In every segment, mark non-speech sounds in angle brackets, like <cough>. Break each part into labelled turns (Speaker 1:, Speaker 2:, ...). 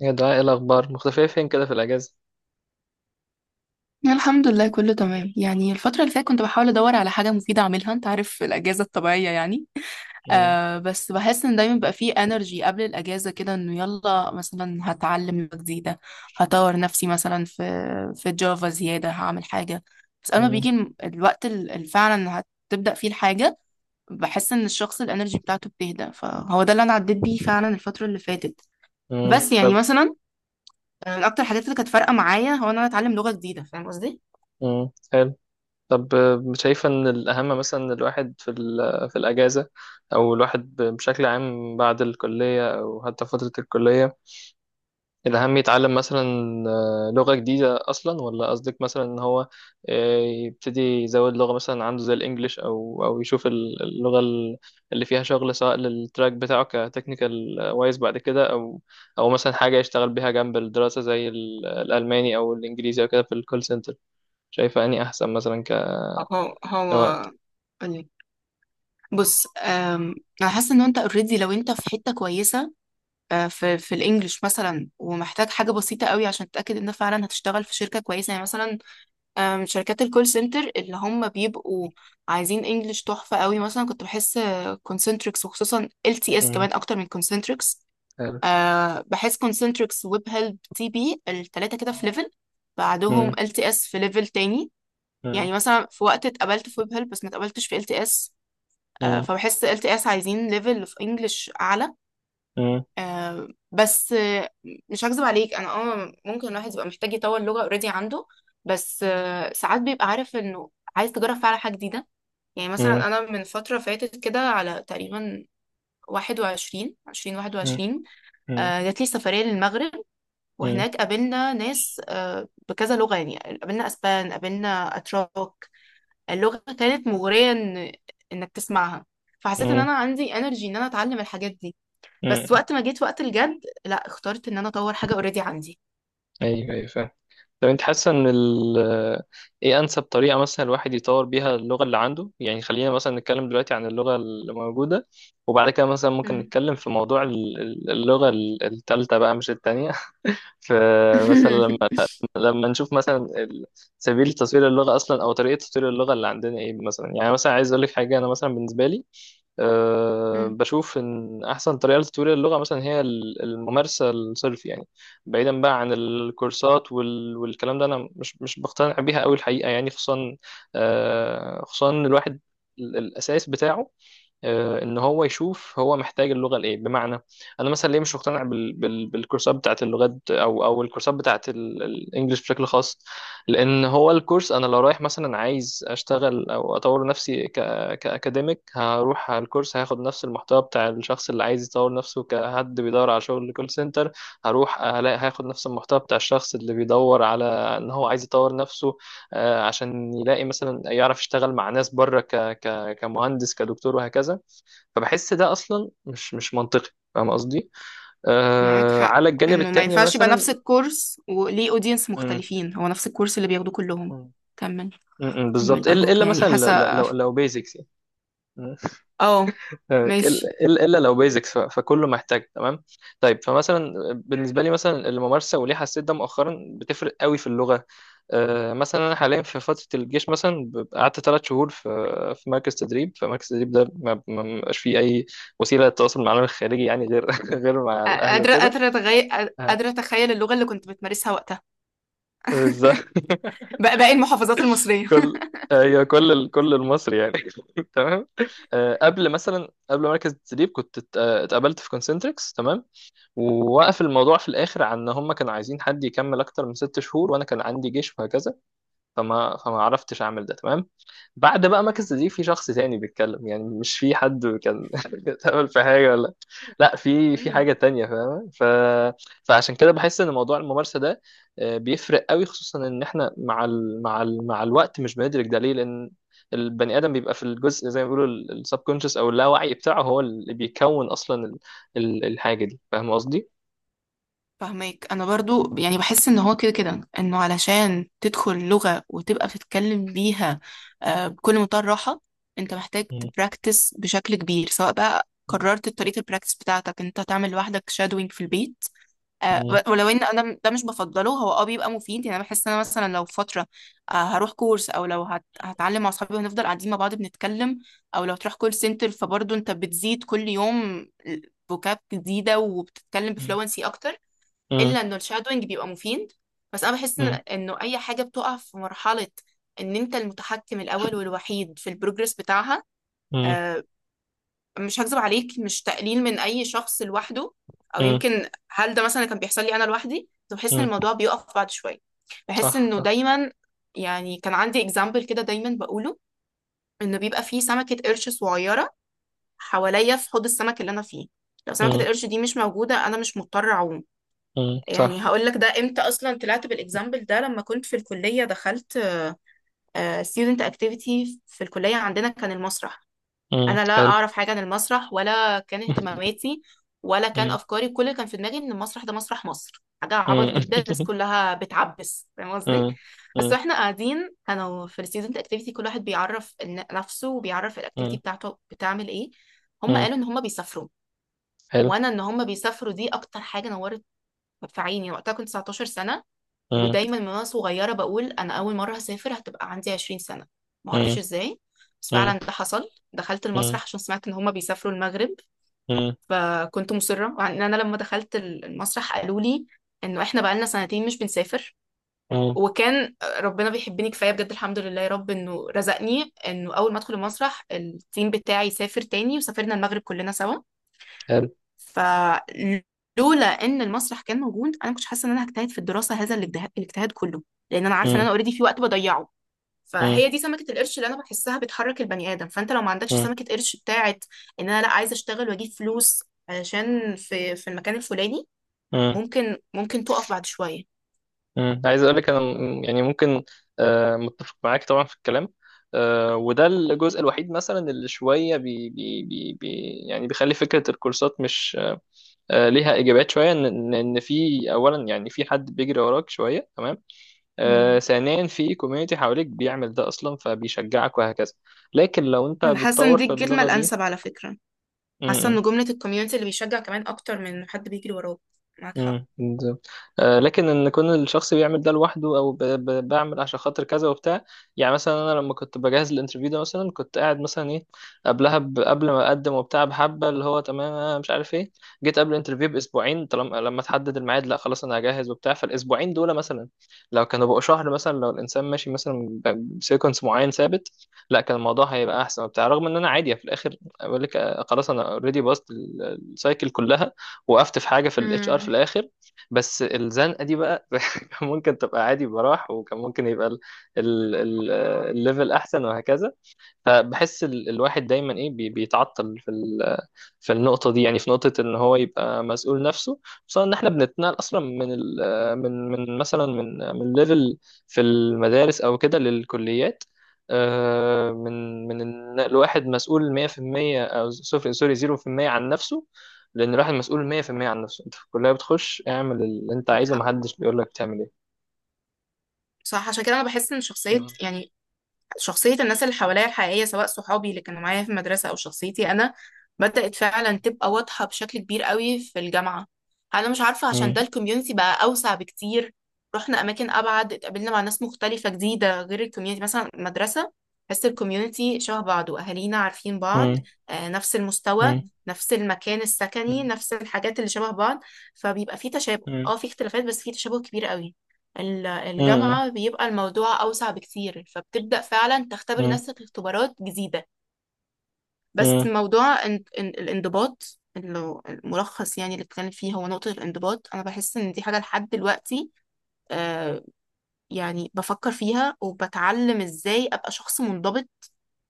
Speaker 1: يا دعاء ايه الاخبار مختفيه فين كده في الاجازه.
Speaker 2: الحمد لله، كله تمام. يعني الفترة اللي فاتت كنت بحاول أدور على حاجة مفيدة أعملها. أنت عارف الأجازة الطبيعية يعني.
Speaker 1: مم.
Speaker 2: بس بحس إن دايما بيبقى فيه انرجي قبل الأجازة، كده إنه يلا مثلا هتعلم لغة جديدة، هطور نفسي مثلا في جافا زيادة، هعمل حاجة. بس أما بيجي
Speaker 1: مم.
Speaker 2: اللي فعلا هتبدأ فيه الحاجة بحس إن الشخص الانرجي بتاعته بتهدى. فهو ده اللي أنا عديت بيه فعلا الفترة اللي فاتت.
Speaker 1: مم.
Speaker 2: بس يعني
Speaker 1: طب.
Speaker 2: مثلا، من أكتر الحاجات اللي كانت فارقة معايا هو إن أنا أتعلم لغة جديدة. فاهم قصدي؟
Speaker 1: مم. حلو. طب شايفه ان الاهم مثلا إن الواحد في في الاجازه، او الواحد بشكل عام بعد الكليه او حتى فتره الكليه الأهم يتعلم مثلا لغة جديدة أصلا، ولا قصدك مثلا إن هو يبتدي يزود لغة مثلا عنده زي الإنجليش، أو أو يشوف اللغة اللي فيها شغل سواء للتراك بتاعه كتكنيكال وايز بعد كده، أو أو مثلا حاجة يشتغل بيها جنب الدراسة زي الألماني أو الإنجليزي أو كده في الكول سنتر. شايفة أني أحسن مثلا
Speaker 2: هو هو،
Speaker 1: كوقت.
Speaker 2: قولي. بص، انا حاسه ان انت اوريدي لو انت في حته كويسه. في الانجليش مثلا، ومحتاج حاجه بسيطه قوي عشان تتاكد ان فعلا هتشتغل في شركه كويسه. يعني مثلا، شركات الكول سنتر اللي هم بيبقوا عايزين انجليش تحفه قوي، مثلا كنت بحس كونسنتريكس، وخصوصا ال تي اس
Speaker 1: مم.
Speaker 2: كمان اكتر من كونسنتريكس.
Speaker 1: حلو.
Speaker 2: بحس كونسنتريكس، ويب هيلب، تي بي الثلاثه كده في ليفل، بعدهم
Speaker 1: مم.
Speaker 2: ال تي اس في ليفل تاني.
Speaker 1: مم.
Speaker 2: يعني مثلا في وقت اتقبلت في ويب هيلب بس ما اتقبلتش في ال تي اس.
Speaker 1: مم.
Speaker 2: فبحس ال تي اس عايزين ليفل في انجلش اعلى.
Speaker 1: مم.
Speaker 2: آه، بس آه، مش هكذب عليك، انا ممكن الواحد يبقى محتاج يطور لغة اوريدي عنده. بس ساعات بيبقى عارف انه عايز تجرب فعلا حاجة جديدة. يعني
Speaker 1: مم.
Speaker 2: مثلا انا من فترة فاتت، كده على تقريبا 21 20 21.
Speaker 1: مم.
Speaker 2: جات لي سفرية للمغرب،
Speaker 1: مم.
Speaker 2: وهناك قابلنا ناس بكذا لغة، يعني قابلنا اسبان، قابلنا اتراك. اللغة كانت مغرية إن إنك تسمعها، فحسيت إن
Speaker 1: مم.
Speaker 2: أنا عندي انرجي إن أنا أتعلم الحاجات دي. بس
Speaker 1: مم.
Speaker 2: وقت ما جيت وقت الجد، لا، اخترت إن أنا أطور حاجة اوريدي عندي.
Speaker 1: أيوه أيوه فاهم. طب انت حاسه ان ال ايه انسب طريقه مثلا الواحد يطور بيها اللغه اللي عنده؟ يعني خلينا مثلا نتكلم دلوقتي عن اللغه اللي موجوده، وبعد كده مثلا ممكن
Speaker 2: مم.
Speaker 1: نتكلم في موضوع اللغه التالتة بقى مش التانية <laughs> فمثلا لما
Speaker 2: <laughs>
Speaker 1: لما نشوف مثلا سبيل تطوير اللغه اصلا، او طريقه تطوير اللغه اللي عندنا ايه مثلا. يعني مثلا عايز اقول لك حاجه، انا مثلا بالنسبه لي أه
Speaker 2: مم.
Speaker 1: بشوف ان احسن طريقه لتطوير اللغه مثلا هي الممارسه الصرف يعني، بعيدا بقى عن الكورسات والكلام ده، انا مش بقتنع بيها قوي الحقيقه، يعني خصوصا أه خصوصا إن الواحد الاساس بتاعه ان هو يشوف هو محتاج اللغه لايه. بمعنى انا مثلا ليه مش مقتنع بالكورسات بتاعت اللغات، او او الكورسات بتاعت الانجليش بشكل خاص، لان هو الكورس انا لو رايح مثلا عايز اشتغل او اطور نفسي كاكاديميك هروح على الكورس هاخد نفس المحتوى بتاع الشخص اللي عايز يطور نفسه كحد بيدور على شغل كول سنتر. هروح هلاقي هاخد نفس المحتوى بتاع الشخص اللي بيدور على ان هو عايز يطور نفسه عشان يلاقي مثلا يعرف يشتغل مع ناس بره كمهندس كدكتور وهكذا. فبحس ده اصلا مش منطقي، فاهم قصدي؟
Speaker 2: معاك
Speaker 1: آه،
Speaker 2: حق،
Speaker 1: على الجانب
Speaker 2: إنه ما
Speaker 1: التاني
Speaker 2: ينفعش يبقى نفس
Speaker 1: مثلا.
Speaker 2: الكورس وليه أودينس
Speaker 1: مم،
Speaker 2: مختلفين، هو نفس الكورس اللي بياخدوه كلهم.
Speaker 1: مم،
Speaker 2: كمل.
Speaker 1: مم، بالظبط،
Speaker 2: كمل
Speaker 1: الا
Speaker 2: أرجوك،
Speaker 1: إلا
Speaker 2: يعني
Speaker 1: مثلا
Speaker 2: حاسة.
Speaker 1: لو بيزكس يعني. مم.
Speaker 2: اه.
Speaker 1: <laughs>
Speaker 2: ماشي.
Speaker 1: الا إلا لو بيزكس فكله محتاج تمام. طيب، فمثلا بالنسبه لي مثلا الممارسه، وليه حسيت ده مؤخرا بتفرق قوي في اللغه. مثلا انا حاليا في فتره الجيش مثلا، ببقى قعدت ثلاث شهور في في مركز تدريب. فمركز التدريب ده ما بيبقاش فيه اي وسيله للتواصل مع العالم الخارجي، يعني غير <laughs> غير مع الاهل وكده. آه،
Speaker 2: قادرة أتخيل اللغة اللي كنت بتمارسها وقتها.
Speaker 1: بالظبط
Speaker 2: <laughs>
Speaker 1: <laughs>
Speaker 2: بقى باقي المحافظات المصرية.
Speaker 1: كل ايوه كل كل المصري يعني <laughs> تمام. قبل مثلا قبل مركز التدريب كنت اتقابلت في كونسنتريكس تمام. ووقف الموضوع في الاخر عن ان هم كانوا عايزين حد يكمل اكتر من ست شهور، وانا كان عندي جيش وهكذا، فما عرفتش اعمل ده تمام. بعد بقى ما
Speaker 2: مم.
Speaker 1: كذا دي في شخص تاني بيتكلم، يعني مش في حد كان <laughs> اتقبل في حاجه ولا، لا في في
Speaker 2: مم.
Speaker 1: حاجه تانية فاهمه ف... فعشان كده بحس ان موضوع الممارسه ده بيفرق قوي، خصوصا ان احنا مع الوقت مش بندرك ده ليه. لان البني ادم بيبقى في الجزء زي ما بيقولوا السبكونشس او اللاوعي بتاعه، هو اللي بيكون اصلا الحاجه دي، فاهم قصدي؟
Speaker 2: فهماك. انا برضو يعني بحس ان هو كده كده انه علشان تدخل لغة وتبقى بتتكلم بيها بكل منتهى الراحة، انت محتاج
Speaker 1: مم.
Speaker 2: تبراكتس بشكل كبير. سواء بقى قررت طريقة البراكتس بتاعتك انت تعمل لوحدك شادوينج في البيت،
Speaker 1: مم.
Speaker 2: ولو ان انا ده مش بفضله، هو بيبقى مفيد. يعني انا بحس ان انا مثلا لو فترة هروح كورس، او لو هتعلم مع اصحابي وهنفضل قاعدين مع بعض بنتكلم، او لو تروح كول سنتر، فبرضو انت بتزيد كل يوم فوكاب جديدة وبتتكلم
Speaker 1: مم.
Speaker 2: بفلونسي اكتر.
Speaker 1: مم.
Speaker 2: الا انه الشادوينج بيبقى مفيد. بس انا بحس انه اي حاجه بتقع في مرحله ان انت المتحكم الاول والوحيد في البروجرس بتاعها.
Speaker 1: مم.
Speaker 2: آه، مش هكذب عليك، مش تقليل من اي شخص لوحده، او
Speaker 1: مم.
Speaker 2: يمكن هل ده مثلا كان بيحصل لي انا لوحدي. كنت بحس ان
Speaker 1: مم.
Speaker 2: الموضوع بيقف بعد شويه، بحس
Speaker 1: صح
Speaker 2: انه
Speaker 1: صح.
Speaker 2: دايما. يعني كان عندي اكزامبل كده دايما بقوله، انه بيبقى فيه سمكه قرش صغيره حواليا في حوض السمك اللي انا فيه، لو سمكه
Speaker 1: مم.
Speaker 2: القرش دي مش موجوده انا مش مضطر اعوم.
Speaker 1: مم. صح.
Speaker 2: يعني هقول لك ده امتى اصلا طلعت بالاكزامبل ده. لما كنت في الكليه دخلت ستودنت اكتيفيتي في الكليه، عندنا كان المسرح.
Speaker 1: مم.
Speaker 2: انا لا
Speaker 1: حلو.
Speaker 2: اعرف حاجه عن المسرح ولا كان اهتماماتي ولا كان
Speaker 1: مم.
Speaker 2: افكاري. كل اللي كان في دماغي ان المسرح ده مسرح مصر، حاجه عبط
Speaker 1: مم.
Speaker 2: جدا، الناس
Speaker 1: <laughs>
Speaker 2: كلها بتعبس. فاهم قصدي؟
Speaker 1: مم.
Speaker 2: بس
Speaker 1: مم.
Speaker 2: واحنا قاعدين كانوا في الستودنت اكتيفيتي، كل واحد بيعرف نفسه وبيعرف الاكتيفيتي
Speaker 1: مم.
Speaker 2: بتاعته بتعمل ايه. هم
Speaker 1: مم.
Speaker 2: قالوا ان هم بيسافروا،
Speaker 1: حلو.
Speaker 2: وانا ان هم بيسافروا دي اكتر حاجه نورت في عيني. وقتها كنت 19 سنه،
Speaker 1: مم.
Speaker 2: ودايما من وانا صغيره بقول انا اول مره هسافر هتبقى عندي 20 سنه، معرفش
Speaker 1: مم.
Speaker 2: ازاي. بس
Speaker 1: مم.
Speaker 2: فعلا ده حصل، دخلت
Speaker 1: مم.
Speaker 2: المسرح عشان سمعت ان هما بيسافروا المغرب.
Speaker 1: مم.
Speaker 2: فكنت مصره، مع ان انا لما دخلت المسرح قالوا لي انه احنا بقالنا سنتين مش بنسافر.
Speaker 1: مم.
Speaker 2: وكان ربنا بيحبني كفايه بجد، الحمد لله يا رب، انه رزقني انه اول ما ادخل المسرح التيم بتاعي سافر تاني، وسافرنا المغرب كلنا سوا.
Speaker 1: حلو.
Speaker 2: فلولا ان المسرح كان موجود انا كنت حاسه ان انا هجتهد في الدراسه هذا الاجتهاد، الاجتهاد كله، لان انا عارفه ان
Speaker 1: مم.
Speaker 2: انا اوريدي في وقت بضيعه.
Speaker 1: مم.
Speaker 2: فهي دي سمكه القرش اللي انا بحسها بتحرك البني ادم. فانت لو ما عندكش
Speaker 1: مم.
Speaker 2: سمكه قرش بتاعت ان انا لا عايزه اشتغل واجيب فلوس عشان في في المكان الفلاني،
Speaker 1: مم.
Speaker 2: ممكن تقف بعد شويه.
Speaker 1: مم. عايز اقول لك انا يعني ممكن متفق معاك طبعا في الكلام. وده الجزء الوحيد مثلا اللي شويه يعني بيخلي فكره الكورسات مش ليها اجابات شويه، ان إن في، اولا يعني في حد بيجري وراك شويه تمام،
Speaker 2: مم.
Speaker 1: ثانيا في كوميونتي حواليك بيعمل ده اصلا فبيشجعك وهكذا، لكن لو انت
Speaker 2: انا حاسه ان
Speaker 1: بتطور
Speaker 2: دي
Speaker 1: في
Speaker 2: الكلمه
Speaker 1: اللغه دي.
Speaker 2: الانسب على فكره.
Speaker 1: م-
Speaker 2: حاسه
Speaker 1: م.
Speaker 2: ان جمله الكوميونتي اللي بيشجع كمان اكتر من حد بيجري وراك. معاك حق.
Speaker 1: بالظبط. لكن ان يكون الشخص بيعمل ده لوحده او بعمل عشان خاطر كذا وبتاع. يعني مثلا انا لما كنت بجهز الانترفيو ده مثلا، كنت قاعد مثلا ايه قبلها قبل ما اقدم وبتاع بحبه اللي هو تمام، أنا مش عارف ايه. جيت قبل الانترفيو باسبوعين، طالما لما تحدد الميعاد لا خلاص انا هجهز وبتاع. فالاسبوعين دول مثلا لو كانوا بقوا شهر مثلا، لو الانسان ماشي مثلا بسيكونس معين ثابت، لا كان الموضوع هيبقى احسن وبتاع. رغم ان انا عادي في الاخر بقول لك خلاص انا اوريدي باصت السايكل كلها، وقفت في حاجه في الاتش ار في
Speaker 2: مم.
Speaker 1: الاخر، بس الزنقه دي بقى <laughs> كان ممكن تبقى عادي براح، وكان ممكن يبقى ال- ال- الليفل احسن وهكذا. فبحس الواحد دايما ايه بيتعطل في في النقطة دي، يعني في نقطة إن هو يبقى مسؤول نفسه، خصوصا إن إحنا بنتنقل أصلا من ال آه، من من مثلا من ليفل في المدارس أو كده للكليات. من النقل واحد مسؤول 100%، أو صفر سوري 0% عن نفسه. لأن الواحد مسؤول 100% عن نفسه. أنت في الكلية بتخش اعمل اللي أنت
Speaker 2: معاك
Speaker 1: عايزه،
Speaker 2: حق.
Speaker 1: محدش بيقول لك تعمل إيه.
Speaker 2: صح، عشان كده انا بحس ان شخصيه يعني شخصية الناس اللي حواليا الحقيقية، سواء صحابي اللي كانوا معايا في المدرسة أو شخصيتي أنا، بدأت فعلا تبقى واضحة بشكل كبير قوي في الجامعة. أنا مش عارفة عشان
Speaker 1: مم.
Speaker 2: ده الكوميونتي بقى أوسع بكتير، رحنا أماكن أبعد، اتقابلنا مع ناس مختلفة جديدة غير الكوميونتي مثلا المدرسة. بس الكوميونتي شبه بعض وأهالينا عارفين بعض،
Speaker 1: مم.
Speaker 2: نفس المستوى،
Speaker 1: مم.
Speaker 2: نفس المكان السكني،
Speaker 1: مم.
Speaker 2: نفس الحاجات اللي شبه بعض. فبيبقى في تشابه،
Speaker 1: مم.
Speaker 2: اه في اختلافات بس في تشابه كبير قوي.
Speaker 1: مم.
Speaker 2: الجامعة بيبقى الموضوع أوسع بكتير، فبتبدأ فعلا تختبر نفسك اختبارات جديدة. بس
Speaker 1: مم.
Speaker 2: موضوع الانضباط الملخص يعني اللي بتكلم فيه هو نقطة الانضباط. أنا بحس إن دي حاجة لحد دلوقتي. آه يعني بفكر فيها وبتعلم إزاي أبقى شخص منضبط،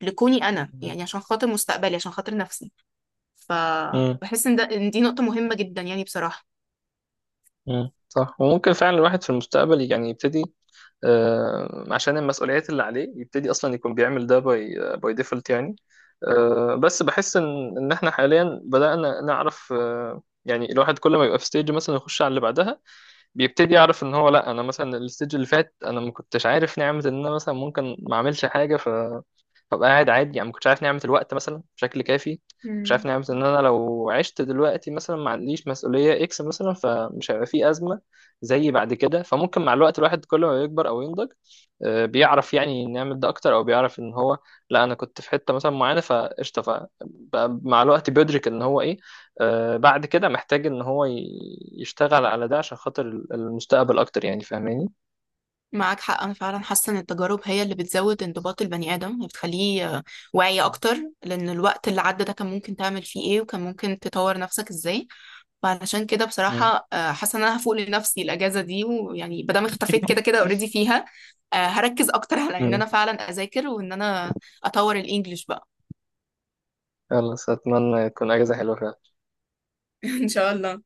Speaker 2: لكوني أنا يعني، عشان خاطر مستقبلي، عشان خاطر نفسي.
Speaker 1: مم.
Speaker 2: فبحس إن دي نقطة مهمة جدا يعني بصراحة.
Speaker 1: مم. صح. وممكن فعلا الواحد في المستقبل يعني يبتدي عشان المسؤوليات اللي عليه يبتدي اصلا يكون بيعمل ده باي باي ديفولت يعني. بس بحس ان احنا حاليا بدأنا نعرف يعني الواحد كل ما يبقى في ستيج مثلا يخش على اللي بعدها، بيبتدي يعرف ان هو لا، انا مثلا الستيج اللي فات انا ما كنتش عارف نعمة ان انا مثلا ممكن ما اعملش حاجة ببقى قاعد عادي، يعني ما كنتش عارف نعمة الوقت مثلا بشكل كافي، مش عارف نعمة ان انا لو عشت دلوقتي مثلا ما عنديش مسؤولية اكس مثلا فمش هيبقى في ازمة زي بعد كده. فممكن مع الوقت الواحد كل ما يكبر او ينضج بيعرف يعني نعمل ده اكتر، او بيعرف ان هو لا انا كنت في حتة مثلا معينة فقشطة، فبقى مع الوقت بيدرك ان هو ايه بعد كده محتاج ان هو يشتغل على ده عشان خاطر المستقبل اكتر، يعني فاهماني؟
Speaker 2: معاك حق. أنا فعلا حاسة إن التجارب هي اللي بتزود انضباط البني آدم وبتخليه واعي أكتر، لأن الوقت اللي عدى ده كان ممكن تعمل فيه إيه وكان ممكن تطور نفسك إزاي. فعلشان كده
Speaker 1: مم.
Speaker 2: بصراحة، حاسة إن أنا هفوق لنفسي الأجازة دي، ويعني مادام اختفيت كده كده أوريدي فيها. هركز أكتر على إن
Speaker 1: مم.
Speaker 2: أنا فعلا أذاكر، وإن أنا أطور الإنجليش بقى.
Speaker 1: <laughs> خلاص، اتمنى تكون اجازة حلوة فعلا.
Speaker 2: <laughs> إن شاء الله.